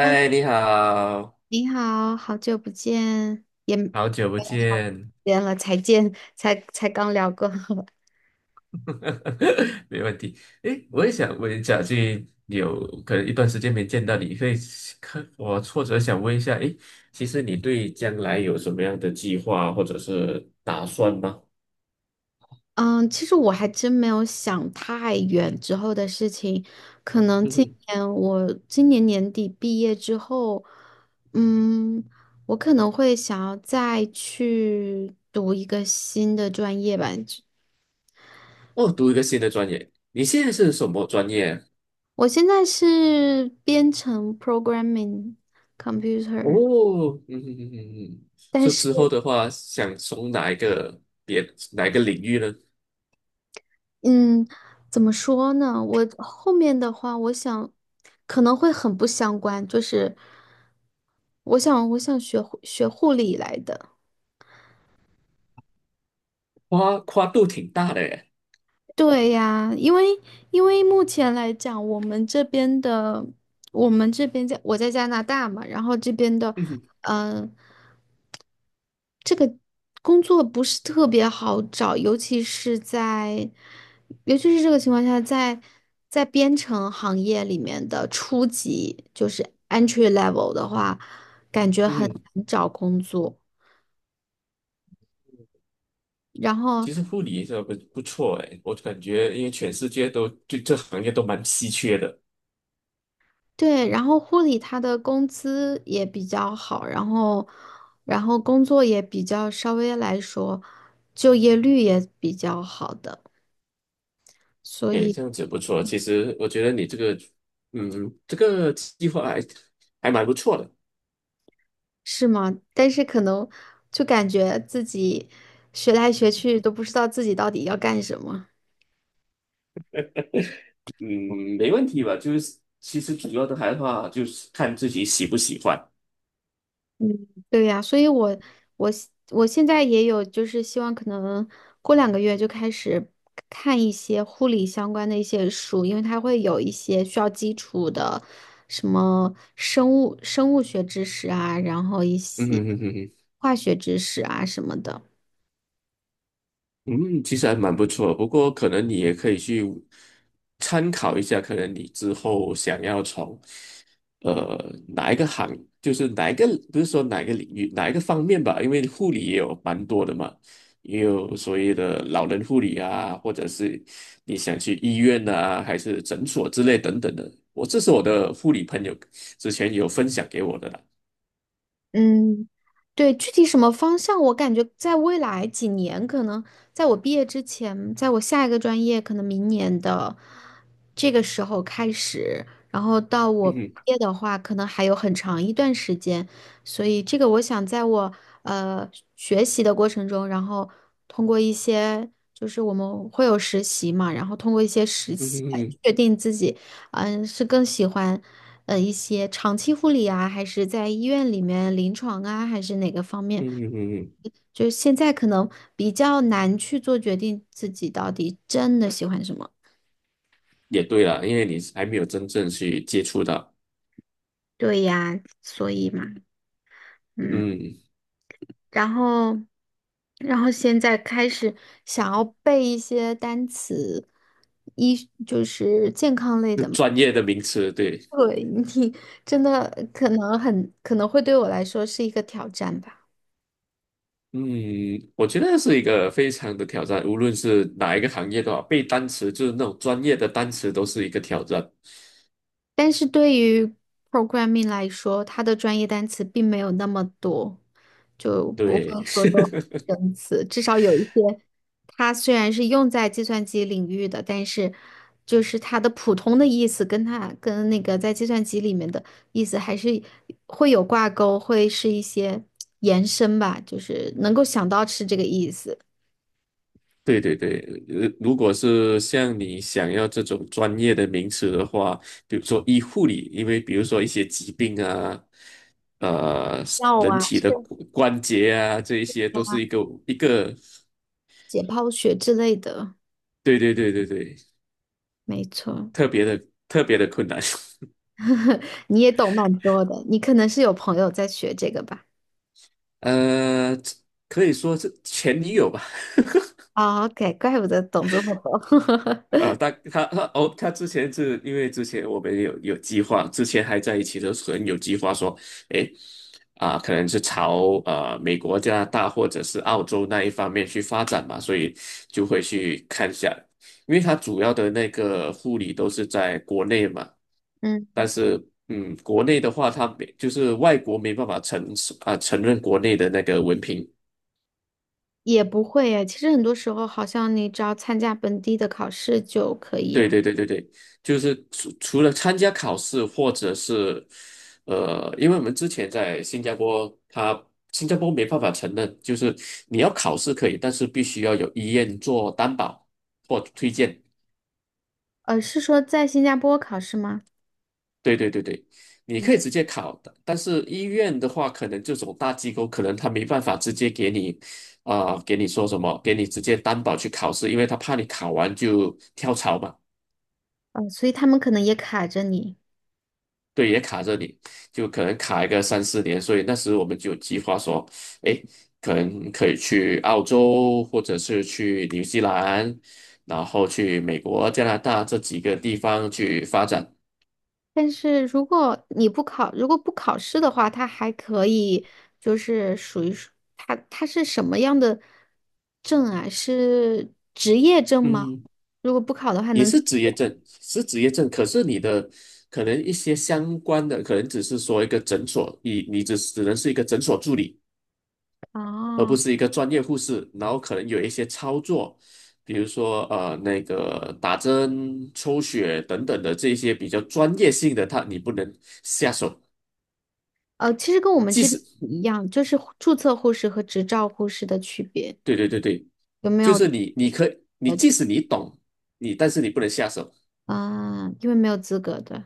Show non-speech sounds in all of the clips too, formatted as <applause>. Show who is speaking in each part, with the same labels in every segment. Speaker 1: 嗨，
Speaker 2: 你好，
Speaker 1: 你好，好久不见，也没 <laughs>
Speaker 2: 好久不见，
Speaker 1: 见了，才见，才刚聊过。<laughs>
Speaker 2: <laughs> 没问题。诶，我也想问，一下去有可能一段时间没见到你，会看我挫折，想问一下，诶，其实你对将来有什么样的计划或者是打算吗？
Speaker 1: 嗯，其实我还真没有想太远之后的事情，可能
Speaker 2: 嗯
Speaker 1: 今
Speaker 2: 哼。
Speaker 1: 年我年底毕业之后，嗯，我可能会想要再去读一个新的专业吧。
Speaker 2: 哦，读一个新的专业，你现在是什么专业啊？
Speaker 1: 我现在是编程 programming computer。
Speaker 2: 哦，嗯哼哼哼哼。
Speaker 1: 但
Speaker 2: 说
Speaker 1: 是。
Speaker 2: 之后的话，想从哪一个别哪一个领域呢？
Speaker 1: 嗯，怎么说呢？我后面的话，我想可能会很不相关，就是我想学护理来的。
Speaker 2: 跨度挺大的耶。
Speaker 1: 对呀，因为因为目前来讲，我们这边在我在加拿大嘛，然后这边的，
Speaker 2: 嗯哼
Speaker 1: 嗯。工作不是特别好找，尤其是这个情况下，在编程行业里面的初级，就是 entry level 的话，感觉
Speaker 2: 嗯
Speaker 1: 很
Speaker 2: 哼。
Speaker 1: 难找工作。然后
Speaker 2: 其实护理也是不错哎，我感觉因为全世界都对这行业都蛮稀缺的。
Speaker 1: 对，然后护理他的工资也比较好，然后工作也比较稍微来说，就业率也比较好的，所
Speaker 2: 哎，
Speaker 1: 以。
Speaker 2: 这样子不错。其实我觉得你这个，嗯，这个计划还蛮不错的。
Speaker 1: 是吗？但是可能就感觉自己学来学去都不知道自己到底要干什么。
Speaker 2: 嗯，没问题吧？就是其实主要的话就是看自己喜不喜欢。
Speaker 1: 嗯，对呀，所以我现在也有就是希望可能过两个月就开始看一些护理相关的一些书，因为它会有一些需要基础的什么生物学知识啊，然后一
Speaker 2: 嗯
Speaker 1: 些
Speaker 2: 哼哼哼哼。
Speaker 1: 化学知识啊什么的。
Speaker 2: 嗯，其实还蛮不错，不过可能你也可以去参考一下，可能你之后想要从呃哪一个行，哪一个，不是说哪一个领域，哪一个方面吧，因为护理也有蛮多的嘛，也有所谓的老人护理啊，或者是你想去医院啊，还是诊所之类等等的。我这是我的护理朋友之前有分享给我的啦。
Speaker 1: 嗯，对，具体什么方向，我感觉在未来几年，可能在我毕业之前，在我下一个专业，可能明年的这个时候开始，然后到我
Speaker 2: 嗯
Speaker 1: 毕
Speaker 2: 哼
Speaker 1: 业的话，可能还有很长一段时间，所以这个我想在我呃学习的过程中，然后通过一些就是我们会有实习嘛，然后通过一些实
Speaker 2: 嗯哼。
Speaker 1: 习来
Speaker 2: 嗯哼
Speaker 1: 确定自己。嗯，是更喜欢一些长期护理啊，还是在医院里面临床啊，还是哪个方面？
Speaker 2: 嗯哼。嗯哼。
Speaker 1: 就是现在可能比较难去做决定，自己到底真的喜欢什么。
Speaker 2: 也对啦，因为你还没有真正去接触到。
Speaker 1: 对呀，所以嘛，嗯，
Speaker 2: 嗯，
Speaker 1: 然后，然后现在开始想要背一些单词，一，就是健康类
Speaker 2: 是
Speaker 1: 的嘛
Speaker 2: 专业的名词，对。
Speaker 1: 对，你真的可能很可能会对我来说是一个挑战吧。
Speaker 2: 嗯，我觉得是一个非常的挑战，无论是哪一个行业的话，背单词就是那种专业的单词都是一个挑战。
Speaker 1: 但是对于 programming 来说，它的专业单词并没有那么多，就不
Speaker 2: 对。
Speaker 1: 会说
Speaker 2: <laughs>
Speaker 1: 都是生词。至少有一些，它虽然是用在计算机领域的，但是就是它的普通的意思跟它跟那个在计算机里面的意思还是会有挂钩，会是一些延伸吧，就是能够想到是这个意思。
Speaker 2: 对对对，如果是像你想要这种专业的名词的话，比如说医护理，因为比如说一些疾病啊，呃，
Speaker 1: 药
Speaker 2: 人
Speaker 1: 啊，
Speaker 2: 体的
Speaker 1: 是
Speaker 2: 骨关节啊，这一些都是一个，
Speaker 1: 解剖学之类的，
Speaker 2: 对对对对对，
Speaker 1: 没错。
Speaker 2: 特别的特别的困难。<laughs>
Speaker 1: <laughs> 你也懂蛮多的，你可能是有朋友在学这个吧？
Speaker 2: 呃，可以说是前女友吧。
Speaker 1: 哦，OK，怪不得懂这么多。<laughs>
Speaker 2: 他哦，他之前是因为之前我们有计划，之前还在一起的时候有计划说，诶，啊、可能是朝美国、加拿大或者是澳洲那一方面去发展嘛，所以就会去看一下，因为他主要的那个护理都是在国内嘛，
Speaker 1: 嗯，
Speaker 2: 但是嗯，国内的话，他没就是外国没办法承啊、承认国内的那个文凭。
Speaker 1: 也不会诶，其实很多时候，好像你只要参加本地的考试就可以。
Speaker 2: 对对对对对，就是除了参加考试，或者是，因为我们之前在新加坡，新加坡没办法承认，就是你要考试可以，但是必须要有医院做担保或推荐。
Speaker 1: 呃，是说在新加坡考试吗？
Speaker 2: 对对对对，你
Speaker 1: 嗯，
Speaker 2: 可以直接考的，但是医院的话，可能这种大机构可能他没办法直接给你，啊、给你说什么，给你直接担保去考试，因为他怕你考完就跳槽嘛。
Speaker 1: 呃，所以他们可能也卡着你。
Speaker 2: 对，也卡着你，就可能卡一个三四年，所以那时我们就有计划说，哎，可能可以去澳洲，或者是去新西兰，然后去美国、加拿大这几个地方去发展。
Speaker 1: 但是如果你不考，如果不考试的话，他还可以，就是属于是他是什么样的证啊？是职业证吗？
Speaker 2: 嗯，
Speaker 1: 如果不考的话，
Speaker 2: 也
Speaker 1: 能
Speaker 2: 是职业证，是职业证，可是你的可能一些相关的，可能只是说一个诊所，你只能是一个诊所助理。而不
Speaker 1: 哦，
Speaker 2: 是一个专业护士，然后可能有一些操作，比如说那个打针、抽血等等的这些比较专业性的，他你不能下手。
Speaker 1: 呃，其实跟我们
Speaker 2: 即
Speaker 1: 这边
Speaker 2: 使
Speaker 1: 一样，就是注册护士和执照护士的区别，
Speaker 2: 对对对对，
Speaker 1: 有没
Speaker 2: 就
Speaker 1: 有
Speaker 2: 是你
Speaker 1: 呃？
Speaker 2: 即使你懂你，但是你不能下手。
Speaker 1: 啊、因为没有资格的，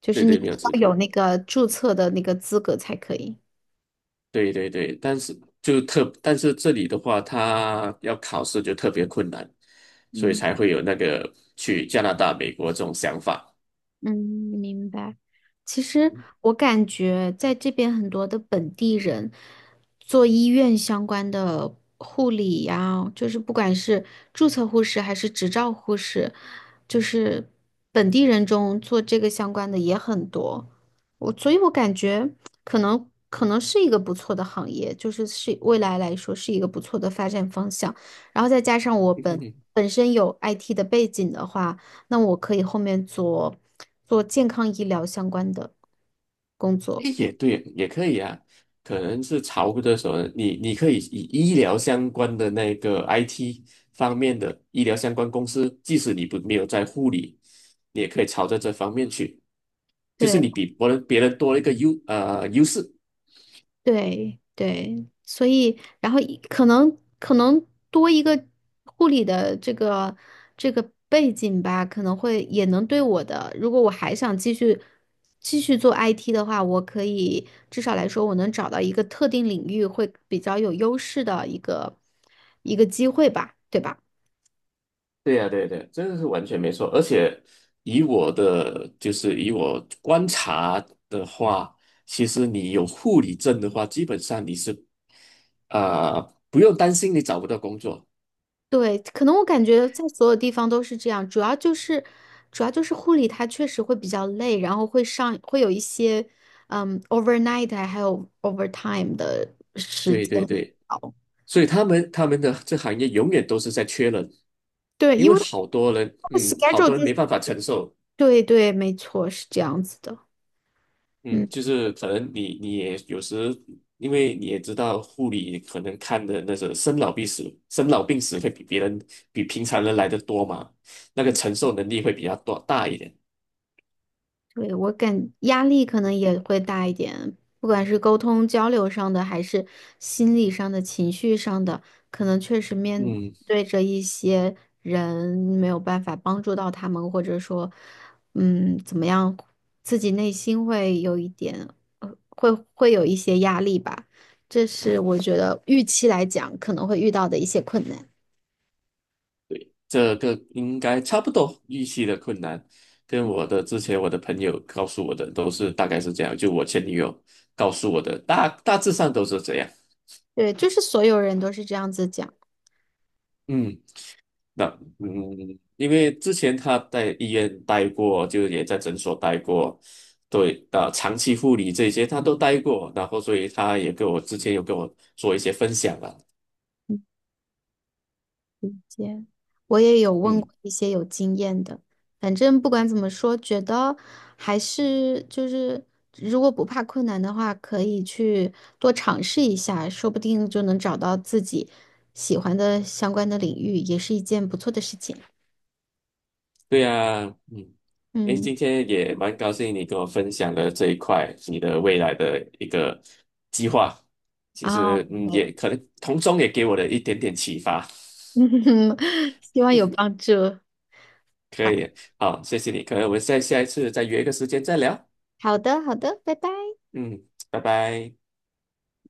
Speaker 1: 就
Speaker 2: 对
Speaker 1: 是你
Speaker 2: 对，没有资
Speaker 1: 要
Speaker 2: 格。
Speaker 1: 有那个注册的那个资格才可以。
Speaker 2: 对对对，但是但是这里的话，他要考试就特别困难，所以
Speaker 1: 嗯。
Speaker 2: 才会有那个去加拿大、美国这种想法。
Speaker 1: 嗯，明白。其实我感觉在这边很多的本地人做医院相关的护理呀，就是不管是注册护士还是执照护士，就是本地人中做这个相关的也很多。我，所以我感觉可能是一个不错的行业，就是是未来来说是一个不错的发展方向。然后再加上
Speaker 2: <laughs>
Speaker 1: 本身有 IT 的背景的话。那我可以后面做健康医疗相关的工作。
Speaker 2: 诶也对，也可以啊。可能是潮的时候，你可以以医疗相关的那个 IT 方面的医疗相关公司，即使你不没有在护理，你也可以朝着这方面去，就是你
Speaker 1: 对
Speaker 2: 比别人多了一个优势。
Speaker 1: 对对，所以然后一可能多一个护理的这个背景吧，可能会也能对我的，如果我还想继续做 IT 的话，我可以至少来说，我能找到一个特定领域会比较有优势的一个机会吧，对吧？
Speaker 2: 对呀，对呀对呀，这个是完全没错。而且以我观察的话，其实你有护理证的话，基本上你是呃不用担心你找不到工作。
Speaker 1: 对，可能我感觉在所有地方都是这样，主要就是护理它确实会比较累，然后会上会有一些，嗯，overnight 啊还有 overtime 的时
Speaker 2: 对
Speaker 1: 间。
Speaker 2: 对对。所以他们这行业永远都是在缺人，
Speaker 1: 对，
Speaker 2: 因
Speaker 1: 因
Speaker 2: 为
Speaker 1: 为
Speaker 2: 好多人，
Speaker 1: 它的
Speaker 2: 嗯，好
Speaker 1: schedule
Speaker 2: 多人
Speaker 1: 就
Speaker 2: 没
Speaker 1: 是，
Speaker 2: 办法承受。
Speaker 1: 对对，没错，是这样子的。嗯。
Speaker 2: 嗯，就是可能你你也有时，因为你也知道护理可能看的那种生老病死，生老病死会比别人比平常人来的多嘛，那个承受能力会比较多大一点。
Speaker 1: 对，我感压力可能也会大一点，不管是沟通交流上的，还是心理上的、情绪上的，可能确实面
Speaker 2: 嗯，
Speaker 1: 对着一些人没有办法帮助到他们，或者说，嗯，怎么样，自己内心会有一点，会有一些压力吧。这是我觉得预期来讲可能会遇到的一些困难。
Speaker 2: 这个应该差不多预期的困难，跟我之前朋友告诉我的都是大概是这样，就我前女友告诉我的大大致上都是这样。
Speaker 1: 对，就是所有人都是这样子讲。
Speaker 2: 嗯，那嗯，因为之前他在医院待过，就也在诊所待过，对，长期护理这些他都待过，然后所以他也跟我之前有跟我做一些分享了。
Speaker 1: 理解，我也有问
Speaker 2: 嗯，
Speaker 1: 过一些有经验的，反正不管怎么说，觉得还是就是，如果不怕困难的话，可以去多尝试一下，说不定就能找到自己喜欢的相关的领域，也是一件不错的事情。
Speaker 2: 对呀。嗯，诶，今
Speaker 1: 嗯，
Speaker 2: 天也蛮高兴你跟我分享了这一块你的未来的一个计划，其
Speaker 1: 啊，
Speaker 2: 实嗯，
Speaker 1: 对
Speaker 2: 也可能从中也给我的一点点启发。
Speaker 1: <laughs> 希望有帮助。
Speaker 2: 可以，好，谢谢你，可能我们下一次再约一个时间再聊。
Speaker 1: 好的，好的，拜拜。
Speaker 2: 嗯，拜拜。